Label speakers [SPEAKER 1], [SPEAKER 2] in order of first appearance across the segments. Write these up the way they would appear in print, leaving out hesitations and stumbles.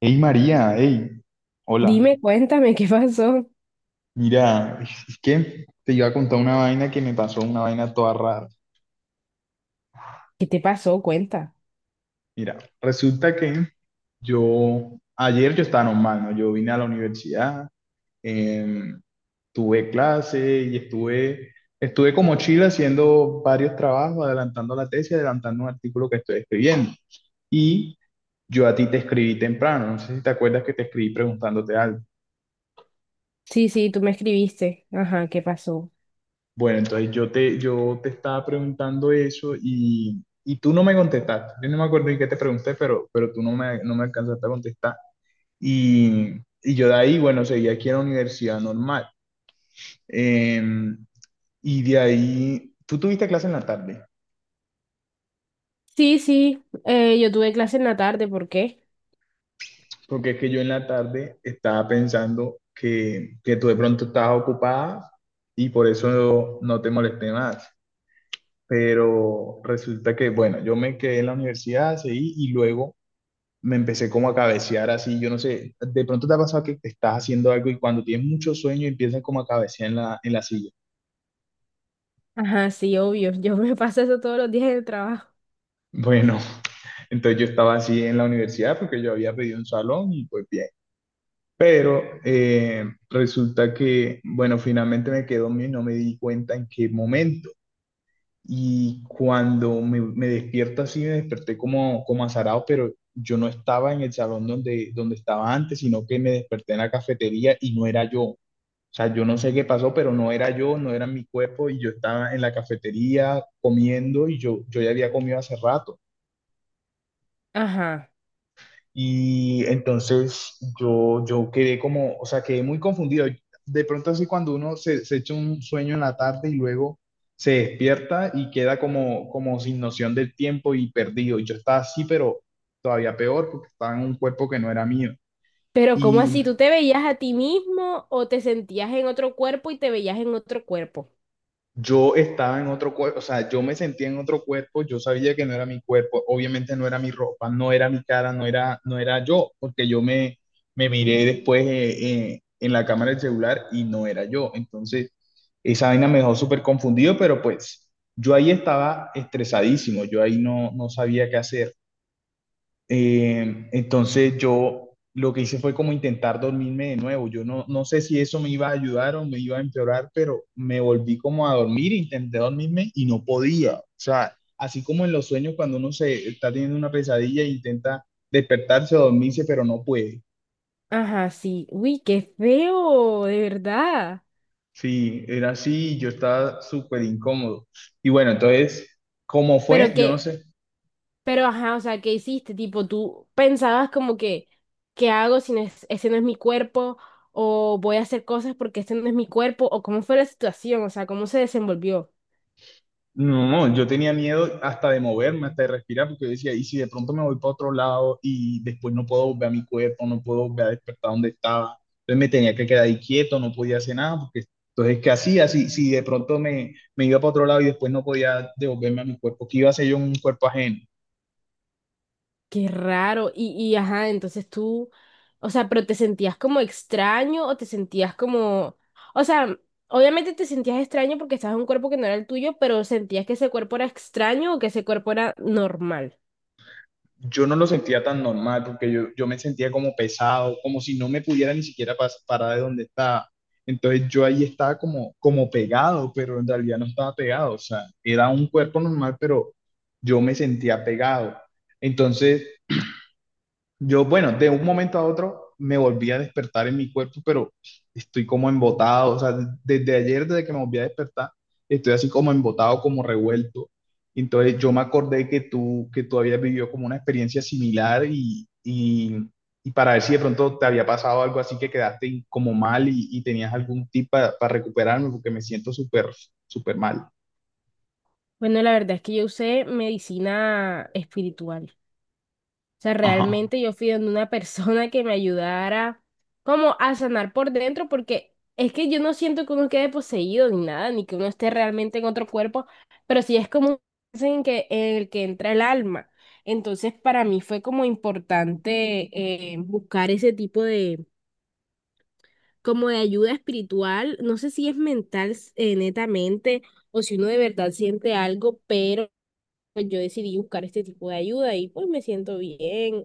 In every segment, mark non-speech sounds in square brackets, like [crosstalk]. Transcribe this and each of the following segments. [SPEAKER 1] Hey María, hey, hola.
[SPEAKER 2] Dime, cuéntame, ¿qué pasó?
[SPEAKER 1] Mira, es que te iba a contar una vaina que me pasó, una vaina toda rara.
[SPEAKER 2] ¿Qué te pasó? Cuenta.
[SPEAKER 1] Mira, resulta que ayer yo estaba normal, ¿no? Yo vine a la universidad, em, tuve clase y estuve como chile haciendo varios trabajos, adelantando la tesis, adelantando un artículo que estoy escribiendo. Y yo a ti te escribí temprano, no sé si te acuerdas que te escribí preguntándote algo.
[SPEAKER 2] Sí, sí, tú me escribiste. Ajá, ¿qué pasó?
[SPEAKER 1] Bueno, entonces yo te estaba preguntando eso y tú no me contestaste. Yo no me acuerdo en qué te pregunté, pero tú no me alcanzaste a contestar. Y, y yo de ahí, bueno, seguí aquí en la universidad normal. Eh, y de ahí, tú tuviste clase en la tarde,
[SPEAKER 2] Sí, sí, yo tuve clase en la tarde, ¿por qué?
[SPEAKER 1] porque es que yo en la tarde estaba pensando que tú de pronto estabas ocupada y por eso no te molesté más. Pero resulta que, bueno, yo me quedé en la universidad, seguí y luego me empecé como a cabecear así, yo no sé, de pronto te ha pasado que te estás haciendo algo y cuando tienes mucho sueño empiezas como a cabecear en en la silla.
[SPEAKER 2] Ajá, sí, obvio, yo me [laughs] paso eso todos los días en el trabajo.
[SPEAKER 1] Bueno, [laughs] entonces yo estaba así en la universidad porque yo había pedido un salón y pues bien. Pero resulta que, bueno, finalmente me quedó mío y no me di cuenta en qué momento. Y cuando me despierto así, me desperté como azarado, pero yo no estaba en el salón donde estaba antes, sino que me desperté en la cafetería y no era yo. O sea, yo no sé qué pasó, pero no era yo, no era mi cuerpo y yo estaba en la cafetería comiendo y yo ya había comido hace rato.
[SPEAKER 2] Ajá.
[SPEAKER 1] Y entonces yo quedé como, o sea, quedé muy confundido. De pronto así cuando uno se echa un sueño en la tarde y luego se despierta y queda como sin noción del tiempo y perdido. Y yo estaba así, pero todavía peor porque estaba en un cuerpo que no era mío.
[SPEAKER 2] Pero ¿cómo
[SPEAKER 1] Y
[SPEAKER 2] así? ¿Tú te veías a ti mismo o te sentías en otro cuerpo y te veías en otro cuerpo?
[SPEAKER 1] Yo estaba en otro cuerpo, o sea, yo me sentía en otro cuerpo, yo sabía que no era mi cuerpo, obviamente no era mi ropa, no era mi cara, no era yo, porque yo me miré después en la cámara del celular y no era yo. Entonces, esa vaina me dejó súper confundido, pero pues yo ahí estaba estresadísimo, yo ahí no sabía qué hacer. Entonces yo lo que hice fue como intentar dormirme de nuevo. Yo no sé si eso me iba a ayudar o me iba a empeorar, pero me volví como a dormir, intenté dormirme y no podía. O sea, así como en los sueños cuando uno se está teniendo una pesadilla e intenta despertarse o dormirse, pero no puede.
[SPEAKER 2] Ajá, sí. Uy, qué feo, de verdad.
[SPEAKER 1] Sí, era así, y yo estaba súper incómodo. Y bueno, entonces, ¿cómo
[SPEAKER 2] Pero
[SPEAKER 1] fue? Yo no
[SPEAKER 2] que,
[SPEAKER 1] sé.
[SPEAKER 2] Pero, ajá, o sea, ¿qué hiciste? Tipo, tú pensabas como que, ¿qué hago si no es, ese no es mi cuerpo? ¿O voy a hacer cosas porque este no es mi cuerpo? ¿O cómo fue la situación? O sea, ¿cómo se desenvolvió?
[SPEAKER 1] No, no, yo tenía miedo hasta de moverme, hasta de respirar, porque yo decía, y si de pronto me voy para otro lado y después no puedo volver a mi cuerpo, no puedo volver a despertar donde estaba. Entonces me tenía que quedar ahí quieto, no podía hacer nada, porque entonces, ¿qué hacía? Si de pronto me iba para otro lado y después no podía devolverme a mi cuerpo, ¿qué iba a hacer yo en un cuerpo ajeno?
[SPEAKER 2] Qué raro. Ajá, entonces o sea, pero te sentías como extraño o o sea, obviamente te sentías extraño porque estabas en un cuerpo que no era el tuyo, pero sentías que ese cuerpo era extraño o que ese cuerpo era normal.
[SPEAKER 1] Yo no lo sentía tan normal porque yo me sentía como pesado, como si no me pudiera ni siquiera parar de donde estaba. Entonces yo ahí estaba como pegado, pero en realidad no estaba pegado. O sea, era un cuerpo normal, pero yo me sentía pegado. Entonces yo, bueno, de un momento a otro me volví a despertar en mi cuerpo, pero estoy como embotado, o sea, desde ayer, desde que me volví a despertar, estoy así como embotado, como revuelto. Entonces yo me acordé que tú habías vivido como una experiencia similar y para ver si de pronto te había pasado algo así que quedaste como mal y tenías algún tip para recuperarme, porque me siento súper, súper mal.
[SPEAKER 2] Bueno, la verdad es que yo usé medicina espiritual. O sea,
[SPEAKER 1] Ajá.
[SPEAKER 2] realmente yo fui donde una persona que me ayudara como a sanar por dentro, porque es que yo no siento que uno quede poseído ni nada, ni que uno esté realmente en otro cuerpo, pero sí es como un trance en el que entra el alma. Entonces, para mí fue como importante buscar ese tipo como de ayuda espiritual. No sé si es mental, netamente, o si uno de verdad siente algo, pero pues yo decidí buscar este tipo de ayuda y pues me siento bien.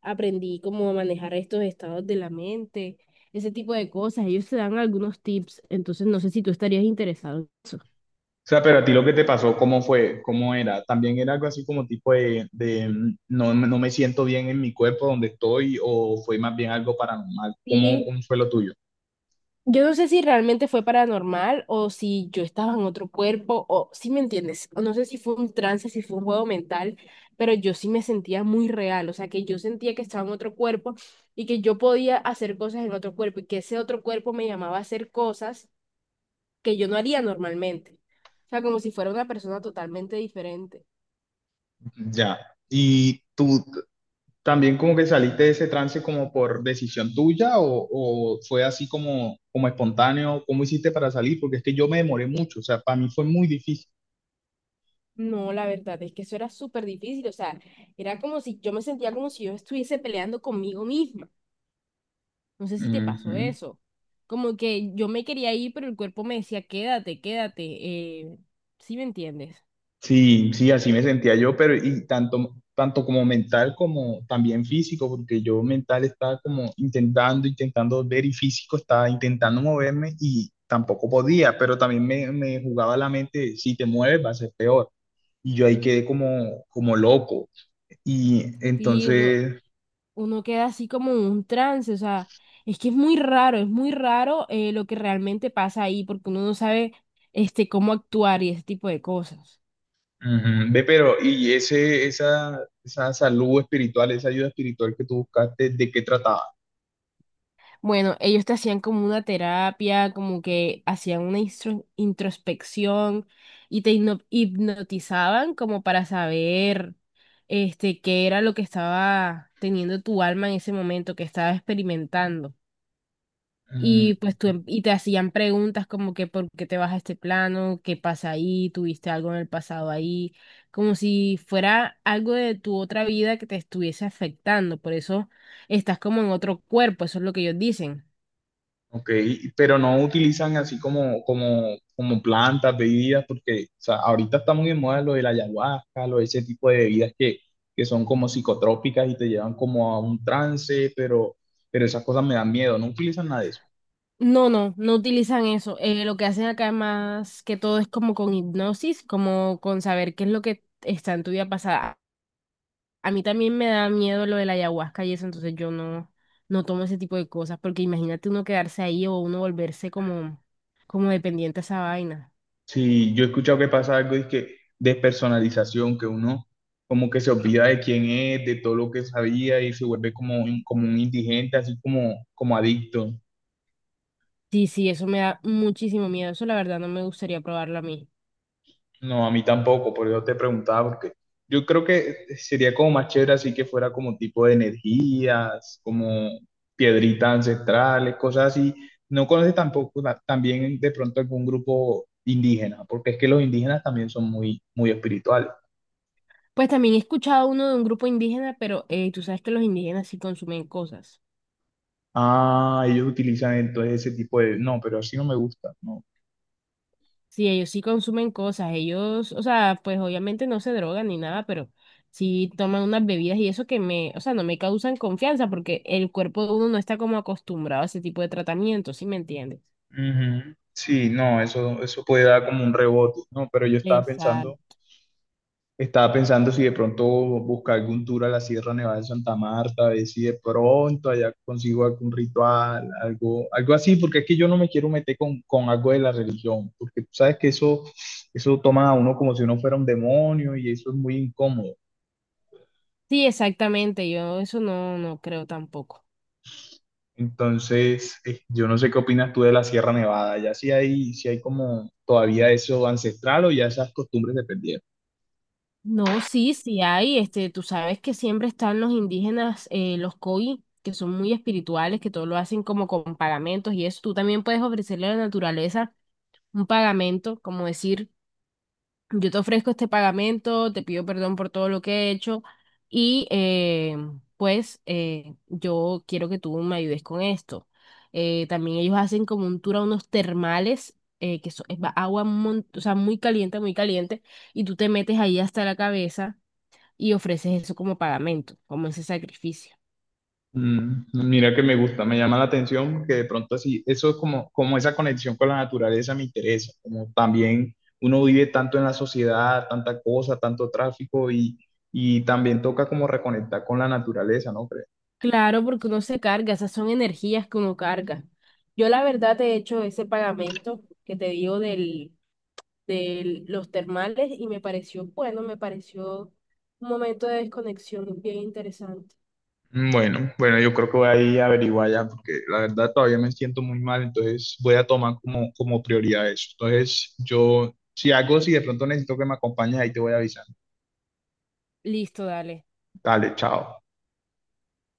[SPEAKER 2] Aprendí cómo a manejar estos estados de la mente, ese tipo de cosas. Ellos te dan algunos tips, entonces no sé si tú estarías interesado.
[SPEAKER 1] O sea, pero a ti lo que te pasó, ¿cómo fue? ¿Cómo era? También era algo así como tipo de, no, no me siento bien en mi cuerpo donde estoy o fue más bien algo paranormal.
[SPEAKER 2] Sí,
[SPEAKER 1] Cómo fue lo tuyo?
[SPEAKER 2] yo no sé si realmente fue paranormal o si yo estaba en otro cuerpo o si me entiendes, o no sé si fue un trance, si fue un juego mental, pero yo sí me sentía muy real, o sea que yo sentía que estaba en otro cuerpo y que yo podía hacer cosas en otro cuerpo y que ese otro cuerpo me llamaba a hacer cosas que yo no haría normalmente. O sea, como si fuera una persona totalmente diferente.
[SPEAKER 1] Ya. ¿Y tú también como que saliste de ese trance como por decisión tuya o fue así como espontáneo? ¿Cómo hiciste para salir? Porque es que yo me demoré mucho, o sea, para mí fue muy difícil.
[SPEAKER 2] No, la verdad es que eso era súper difícil. O sea, era como si yo me sentía como si yo estuviese peleando conmigo misma. No sé si te pasó eso. Como que yo me quería ir, pero el cuerpo me decía, quédate, quédate. Eh, ¿Sí me entiendes?
[SPEAKER 1] Sí, sí, así me sentía yo, pero y tanto como mental como también físico, porque yo mental estaba como intentando ver y físico estaba intentando moverme y tampoco podía, pero también me jugaba la mente, si te mueves va a ser peor. Y yo ahí quedé como loco. Y
[SPEAKER 2] Sí,
[SPEAKER 1] entonces,
[SPEAKER 2] uno queda así como en un trance. O sea, es que es muy raro lo que realmente pasa ahí, porque uno no sabe este, cómo actuar y ese tipo de cosas.
[SPEAKER 1] ujú, ve, pero, y esa salud espiritual, esa ayuda espiritual que tú buscaste, ¿de qué trataba?
[SPEAKER 2] Bueno, ellos te hacían como una terapia, como que hacían una introspección y te hipnotizaban como para saber este qué era lo que estaba teniendo tu alma en ese momento, que estaba experimentando.
[SPEAKER 1] Mm,
[SPEAKER 2] Y pues y te hacían preguntas como que por qué te vas a este plano, qué pasa ahí, tuviste algo en el pasado ahí, como si fuera algo de tu otra vida que te estuviese afectando, por eso estás como en otro cuerpo, eso es lo que ellos dicen.
[SPEAKER 1] Ok, pero no utilizan así como plantas, bebidas, porque o sea, ahorita está muy en moda lo de la ayahuasca, lo de ese tipo de bebidas que son como psicotrópicas y te llevan como a un trance, pero esas cosas me dan miedo, no utilizan nada de eso.
[SPEAKER 2] No, no, no utilizan eso. Lo que hacen acá más que todo es como con hipnosis, como con saber qué es lo que está en tu vida pasada. A mí también me da miedo lo de la ayahuasca y eso, entonces yo no, no tomo ese tipo de cosas, porque imagínate uno quedarse ahí o uno volverse como dependiente a esa vaina.
[SPEAKER 1] Sí, yo he escuchado que pasa algo es que despersonalización, que uno como que se olvida de quién es, de todo lo que sabía y se vuelve como un indigente, así como adicto.
[SPEAKER 2] Sí, sí, eso me da muchísimo miedo. Eso la verdad no me gustaría probarlo a mí.
[SPEAKER 1] No, a mí tampoco, por eso te preguntaba, porque yo creo que sería como más chévere así que fuera como tipo de energías, como piedritas ancestrales, cosas así. No conoces tampoco también de pronto algún grupo indígena, porque es que los indígenas también son muy, muy espirituales.
[SPEAKER 2] Pues también he escuchado uno de un grupo indígena, pero tú sabes que los indígenas sí consumen cosas.
[SPEAKER 1] Ah, ellos utilizan entonces ese tipo de. No, pero así no me gusta, no.
[SPEAKER 2] Sí, ellos sí consumen cosas, ellos, o sea, pues obviamente no se drogan ni nada, pero sí toman unas bebidas y o sea, no me causan confianza porque el cuerpo de uno no está como acostumbrado a ese tipo de tratamiento, ¿sí me entiendes?
[SPEAKER 1] Ujú. Sí, no, eso puede dar como un rebote, ¿no? Pero yo estaba pensando
[SPEAKER 2] Exacto.
[SPEAKER 1] Estaba pensando si de pronto buscar algún tour a la Sierra Nevada de Santa Marta, a ver si de pronto allá consigo algún ritual, algo, algo así, porque es que yo no me quiero meter con algo de la religión, porque tú sabes que eso, toma a uno como si uno fuera un demonio y eso es muy incómodo.
[SPEAKER 2] Sí, exactamente, yo eso no, no creo tampoco.
[SPEAKER 1] Entonces, yo no sé qué opinas tú de la Sierra Nevada, ya si hay como todavía eso ancestral o ya esas costumbres se perdieron.
[SPEAKER 2] No, sí, sí hay, este, tú sabes que siempre están los indígenas, los koi, que son muy espirituales, que todo lo hacen como con pagamentos y eso, tú también puedes ofrecerle a la naturaleza un pagamento, como decir: Yo te ofrezco este pagamento, te pido perdón por todo lo que he hecho y pues yo quiero que tú me ayudes con esto. También ellos hacen como un tour a unos termales, que agua o sea, muy caliente, y tú te metes ahí hasta la cabeza y ofreces eso como pagamento, como ese sacrificio.
[SPEAKER 1] Mira que me gusta, me llama la atención porque de pronto así, eso es como esa conexión con la naturaleza me interesa, como también uno vive tanto en la sociedad, tanta cosa, tanto tráfico y también toca como reconectar con la naturaleza, ¿no crees?
[SPEAKER 2] Claro, porque uno se carga, esas son energías que uno carga. Yo la verdad te he hecho ese pagamento que te digo del de los termales y me pareció bueno, me pareció un momento de desconexión bien interesante.
[SPEAKER 1] Bueno, bueno, yo creo que voy a ir a averiguar ya porque la verdad todavía me siento muy mal, entonces voy a tomar como prioridad eso. Entonces yo, si de pronto necesito que me acompañes, ahí te voy a avisar.
[SPEAKER 2] Listo, dale.
[SPEAKER 1] Dale, chao.